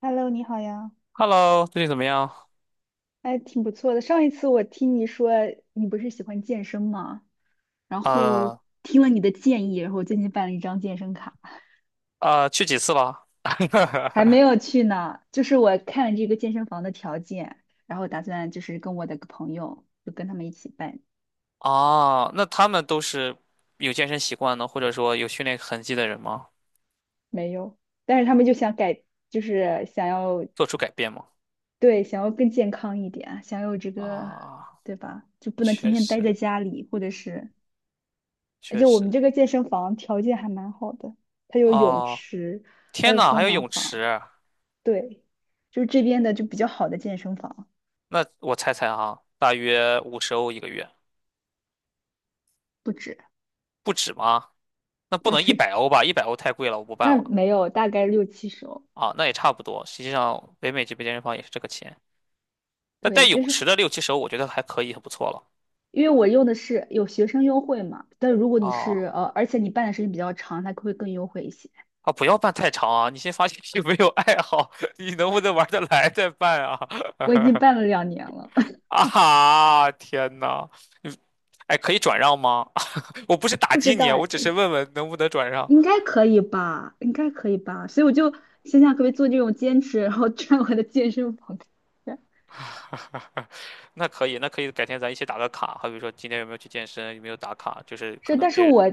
Hello，你好呀，Hello，最近怎么样？哎，挺不错的。上一次我听你说你不是喜欢健身吗？然后呃听了你的建议，然后我最近办了一张健身卡，去几次了？还没 有去呢。就是我看了这个健身房的条件，然后打算就是跟我的个朋友，就跟他们一起办。啊，那他们都是有健身习惯呢，或者说有训练痕迹的人吗？没有，但是他们就想改，就是想要，做出改变吗？对，想要更健康一点，想要这个，啊，对吧？就不能天确天待实在家里，或者是。而确且我们实。这个健身房条件还蛮好的，它有泳哦，池，还天有呐，还桑有拿泳房，池？对，就是这边的就比较好的健身房，那我猜猜哈，大约50欧一个月，不止，不止吗？那不对，能一 百欧吧？一百欧太贵了，我不办那了。没有，大概六七十欧，啊，那也差不多。实际上，北美这边健身房也是这个钱，那带对，就泳是池的六七十欧，我觉得还可以，很不错了。因为我用的是有学生优惠嘛，但如果你哦。是而且你办的时间比较长，它会更优惠一些。啊，不要办太长啊！你先发信息，没有爱好，你能不能玩得来再办啊？我已经办 了两年了，啊哈！天呐，你哎，可以转让吗？我不是 打不击知你道啊，我哎，只是问问能不能转让。应该可以吧，应该可以吧，所以我就想想可不可以做这种兼职，然后赚我的健身房。那可以，那可以，改天咱一起打个卡，好比说今天有没有去健身，有没有打卡，就是可是，能但是别人，我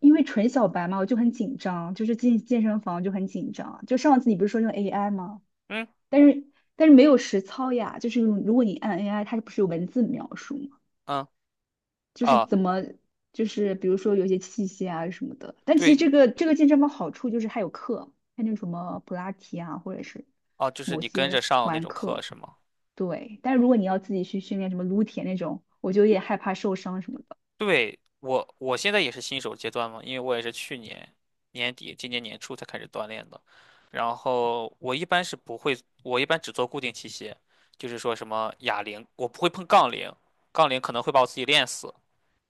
因为纯小白嘛，我就很紧张，就是进健身房就很紧张。就上次你不是说用 AI 吗？嗯但是但是没有实操呀，就是如果你按 AI，它不是有文字描述吗？嗯就是啊，怎么就是比如说有一些器械啊什么的。但其实对这个健身房好处就是它有课，它那什么普拉提啊，或者是啊，就是某你跟些着上那团种课课。是吗？对，但是如果你要自己去训练什么撸铁那种，我就有点害怕受伤什么的。对，我现在也是新手阶段嘛，因为我也是去年年底、今年年初才开始锻炼的。然后我一般是不会，我一般只做固定器械，就是说什么哑铃，我不会碰杠铃，杠铃可能会把我自己练死。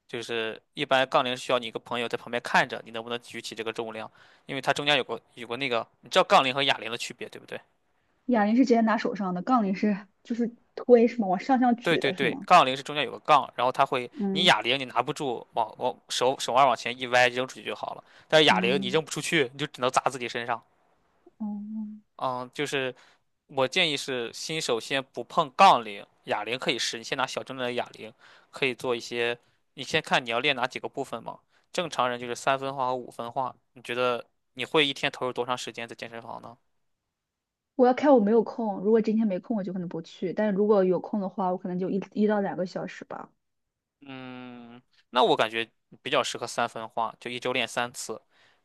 就是一般杠铃需要你一个朋友在旁边看着，你能不能举起这个重量，因为它中间有个那个，你知道杠铃和哑铃的区别，对不对？哑铃是直接拿手上的，杠铃是就是推是吗？往上向对举对的是对，吗？杠铃是中间有个杠，然后它会，你嗯。哑铃你拿不住，往往手腕往前一歪扔出去就好了。但是哑铃你嗯。扔不出去，你就只能砸自己身上。嗯，嗯，就是我建议是新手先不碰杠铃，哑铃可以试，你先拿小重量的哑铃，可以做一些，你先看你要练哪几个部分嘛。正常人就是三分化和五分化，你觉得你会一天投入多长时间在健身房呢？我要看我没有空。如果今天没空，我就可能不去。但是如果有空的话，我可能就一到两个小时吧，嗯，那我感觉比较适合三分化，就一周练三次，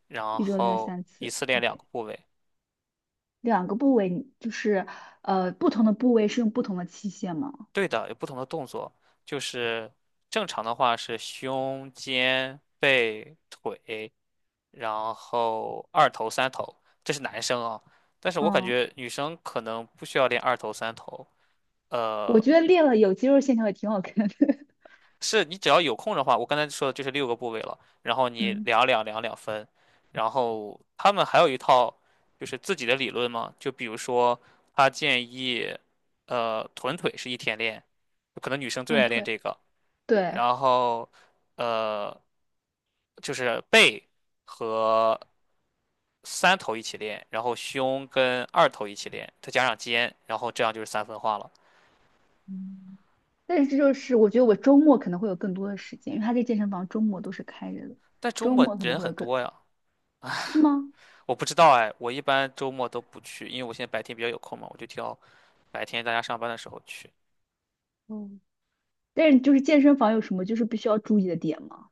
然一周练后三一次。次练两 OK，个部位。两个部位你就是不同的部位是用不同的器械嘛？对的，有不同的动作，就是正常的话是胸、肩、背、腿，然后二头、三头，这是男生啊。但是我感嗯，觉女生可能不需要练二头、三头，我呃。觉得练了有肌肉线条也挺好看的。是你只要有空的话，我刚才说的就是六个部位了，然后你嗯，两两分，然后他们还有一套就是自己的理论嘛，就比如说他建议，臀腿是一天练，可能女生最乱爱练腿。这个，对，然后呃就是背和三头一起练，然后胸跟二头一起练，再加上肩，然后这样就是三分化了。嗯，但是这就是我觉得我周末可能会有更多的时间，因为他这健身房周末都是开着的，但周周末末可能人会很有更，多呀。是吗？我不知道哎，我一般周末都不去，因为我现在白天比较有空嘛，我就挑白天大家上班的时候去。嗯，但是就是健身房有什么就是必须要注意的点吗？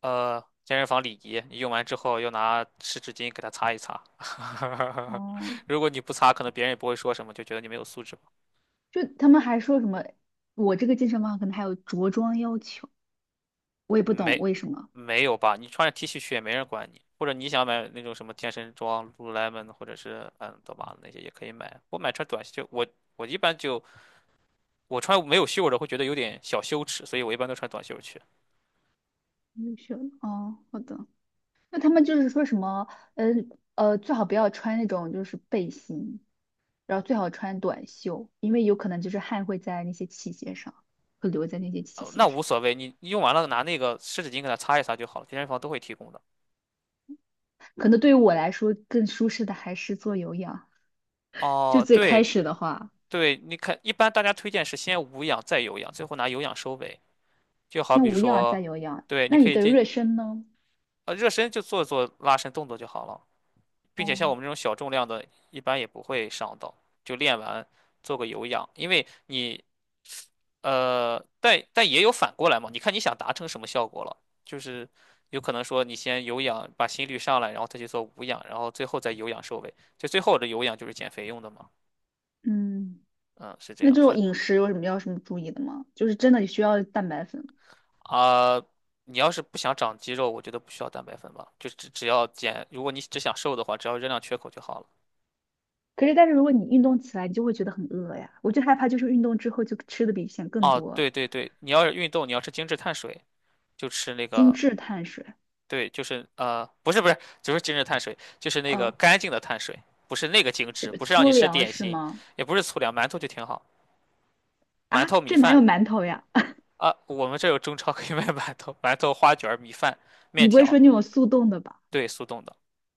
健身房礼仪，你用完之后要拿湿纸巾给它擦一擦。哦，如果你不擦，可能别人也不会说什么，就觉得你没有素质吧。就他们还说什么，我这个健身房可能还有着装要求，我也嗯不懂没，为什么。没有吧？你穿着 T 恤去也没人管你，或者你想买那种什么健身装 l u l l e m o n 或者是嗯，多玛那些也可以买。我买穿短袖，我我一般就我穿没有袖的会觉得有点小羞耻，所以我一般都穿短袖去。优秀。哦，好的。那他们就是说什么，嗯呃，最好不要穿那种就是背心，然后最好穿短袖，因为有可能就是汗会在那些器械上，会留在那些器那械上。无所谓，你用完了拿那个湿纸巾给它擦一擦就好了，健身房都会提供的。可能对于我来说更舒适的还是做有氧。就哦，最开对始的话，对，你看，一般大家推荐是先无氧再有氧，最后拿有氧收尾。就好先比无氧再说，有氧。对，你那你可以的进热身呢？呃热身就做做拉伸动作就好了，并且像哦，我们这种小重量的，一般也不会伤到，就练完做个有氧，因为你但也有反过来嘛，你看你想达成什么效果了，就是有可能说你先有氧把心率上来，然后再去做无氧，然后最后再有氧收尾，就最后的有氧就是减肥用的嘛，嗯，嗯，是这那样这种算的饮食有什么要什么注意的吗？就是真的需要蛋白粉。啊。你要是不想长肌肉，我觉得不需要蛋白粉吧，就只要减，如果你只想瘦的话，只要热量缺口就好了。可是，但是如果你运动起来，你就会觉得很饿呀。我就害怕，就是运动之后就吃的比以前更哦，多对对对，你要是运动，你要吃精致碳水，就吃那精个致碳水，对，就是不是不是，就是精致碳水，就是那个呃，干净的碳水，不是那个精什致，么不是让你粗吃粮点是心，吗？也不是粗粮，馒头就挺好，馒啊，头米这哪饭。有馒头呀？啊，我们这有中超可以 卖馒头，馒头花卷儿米饭、面你不会条，说那种速冻的吧？对，速冻的，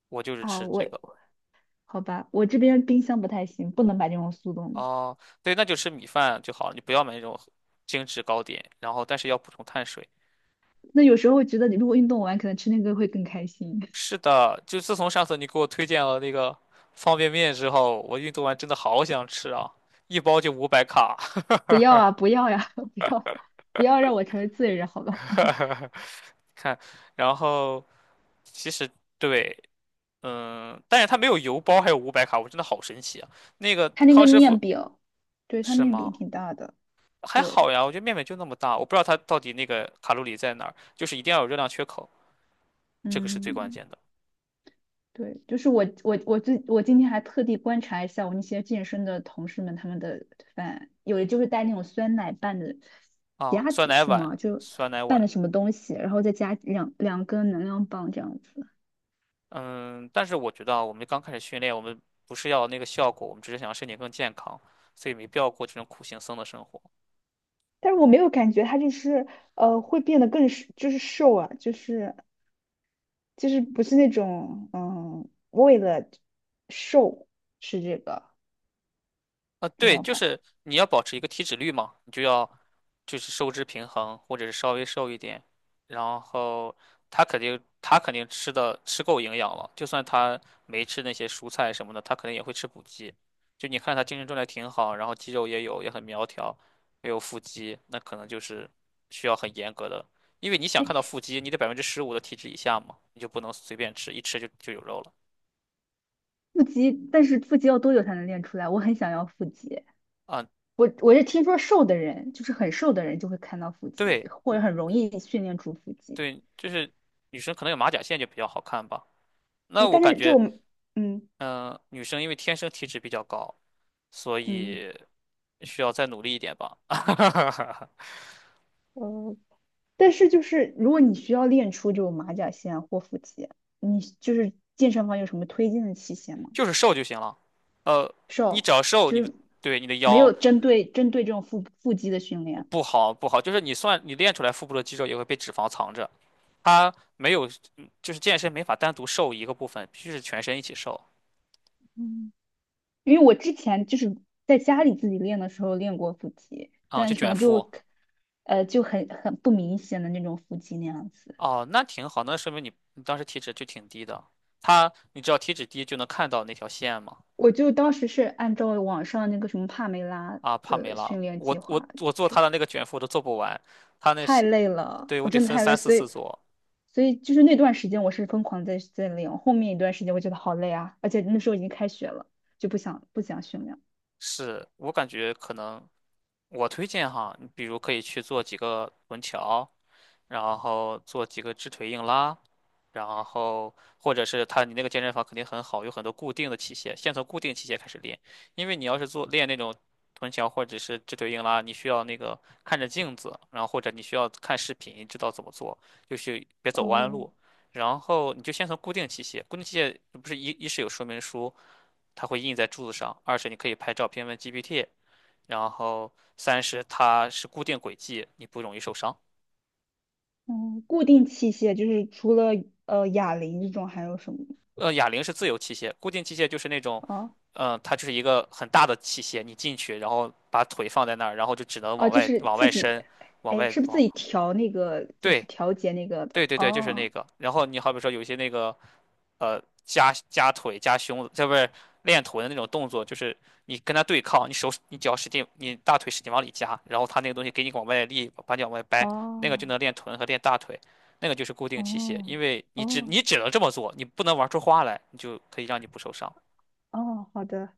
我就是啊，吃我，这个。好吧，我这边冰箱不太行，不能买那种速冻的。哦，对，那就吃米饭就好了，你不要买那种精致糕点，然后但是要补充碳水。那有时候觉得你如果运动完，可能吃那个会更开心。是的，就自从上次你给我推荐了那个方便面之后，我运动完真的好想吃啊，一包就五百卡。不要啊，不要呀、不要，不要让我成为罪人，好吧？看，然后其实对，但是它没有油包，还有五百卡，我真的好神奇啊！那个它那康个师傅面饼，对，它是面吗？饼挺大的，还对，好呀，我觉得面面就那么大，我不知道它到底那个卡路里在哪儿，就是一定要有热量缺口，这个是最关嗯，键的。对，就是我今天还特地观察一下我那些健身的同事们他们的饭，有的就是带那种酸奶拌的啊。夹酸子奶是碗，吗？就酸奶拌碗，的什么东西，然后再加两根能量棒这样子。嗯，但是我觉得啊，我们刚开始训练，我们不是要那个效果，我们只是想让身体更健康，所以没必要过这种苦行僧的生活。但是我没有感觉他就是会变得更是就是瘦啊，就是不是那种嗯，为了瘦吃这个，啊，知对，道就吧？是你要保持一个体脂率嘛，你就要就是收支平衡，或者是稍微瘦一点。然后他肯定吃的吃够营养了，就算他没吃那些蔬菜什么的，他肯定也会吃补剂。就你看他精神状态挺好，然后肌肉也有，也很苗条，也有腹肌，那可能就是需要很严格的，因为你想看到腹肌，你得15%的体脂以下嘛，你就不能随便吃，一吃就有肉了。腹肌，但是腹肌要多久才能练出来？我很想要腹肌。啊，我是听说瘦的人，就是很瘦的人就会看到腹肌，对或者很容易训练出腹肌。对，就是女生可能有马甲线就比较好看吧。那哎，我但是感这觉，种嗯。嗯、女生因为天生体脂比较高，所嗯。以需要再努力一点吧，呃，但是就是如果你需要练出这种马甲线啊或腹肌，你就是健身房有什么推荐的器械吗？就是瘦就行了。呃，你只瘦，要瘦，就你的是对你的没腰有针对这种腹肌的训练。不好不好，就是你算你练出来腹部的肌肉也会被脂肪藏着，它没有，就是健身没法单独瘦一个部分，必须是全身一起瘦。嗯，因为我之前就是在家里自己练的时候练过腹肌，啊、就但可卷能腹。就，就很不明显的那种腹肌那样子。哦，那挺好，那说明你当时体脂就挺低的。它，你只要体脂低就能看到那条线嘛。我就当时是按照网上那个什么帕梅拉啊，帕梅的拉，训练我计我划，我就做是他的那个卷腹我都做不完，他那太是，累了，对，我我得真的分太累，三四所次以，做。所以就是那段时间我是疯狂在练，后面一段时间我觉得好累啊，而且那时候已经开学了，就不想训练。是我感觉可能我推荐哈，你比如可以去做几个臀桥，然后做几个直腿硬拉，然后或者是他，你那个健身房肯定很好，有很多固定的器械，先从固定器械开始练，因为你要是做练那种臀桥或者是直腿硬拉，你需要那个看着镜子，然后或者你需要看视频知道怎么做，就是别走弯哦，路。然后你就先从固定器械，固定器械不是一是有说明书，它会印在柱子上；二是你可以拍照片问 GPT，然后三是它是固定轨迹，你不容易受伤。嗯，固定器械就是除了哑铃这种还有什么？哑铃是自由器械，固定器械就是那种，哦。它就是一个很大的器械，你进去，然后把腿放在那儿，然后就只能哦，往就外、是往外自己，伸，往哎，外是不是自往，己调那个，就是对，调节那个的？对对对，就是那哦，个。然后你好比说有一些那个夹腿、夹胸，这不是练臀的那种动作，就是你跟他对抗，你手你脚使劲，你大腿使劲往里夹，然后他那个东西给你往外力，把你往外掰，那个就哦，能练臀和练大腿，那个就是固定器械，哦，因为你只哦，你只能这么做，你不能玩出花来，你就可以让你不受伤。哦，好的，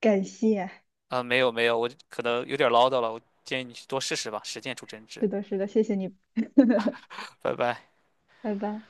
感谢，啊、没有没有，我可能有点唠叨了，我建议你去多试试吧，实践出真知。是的，是的，谢谢你，拜拜。拜拜。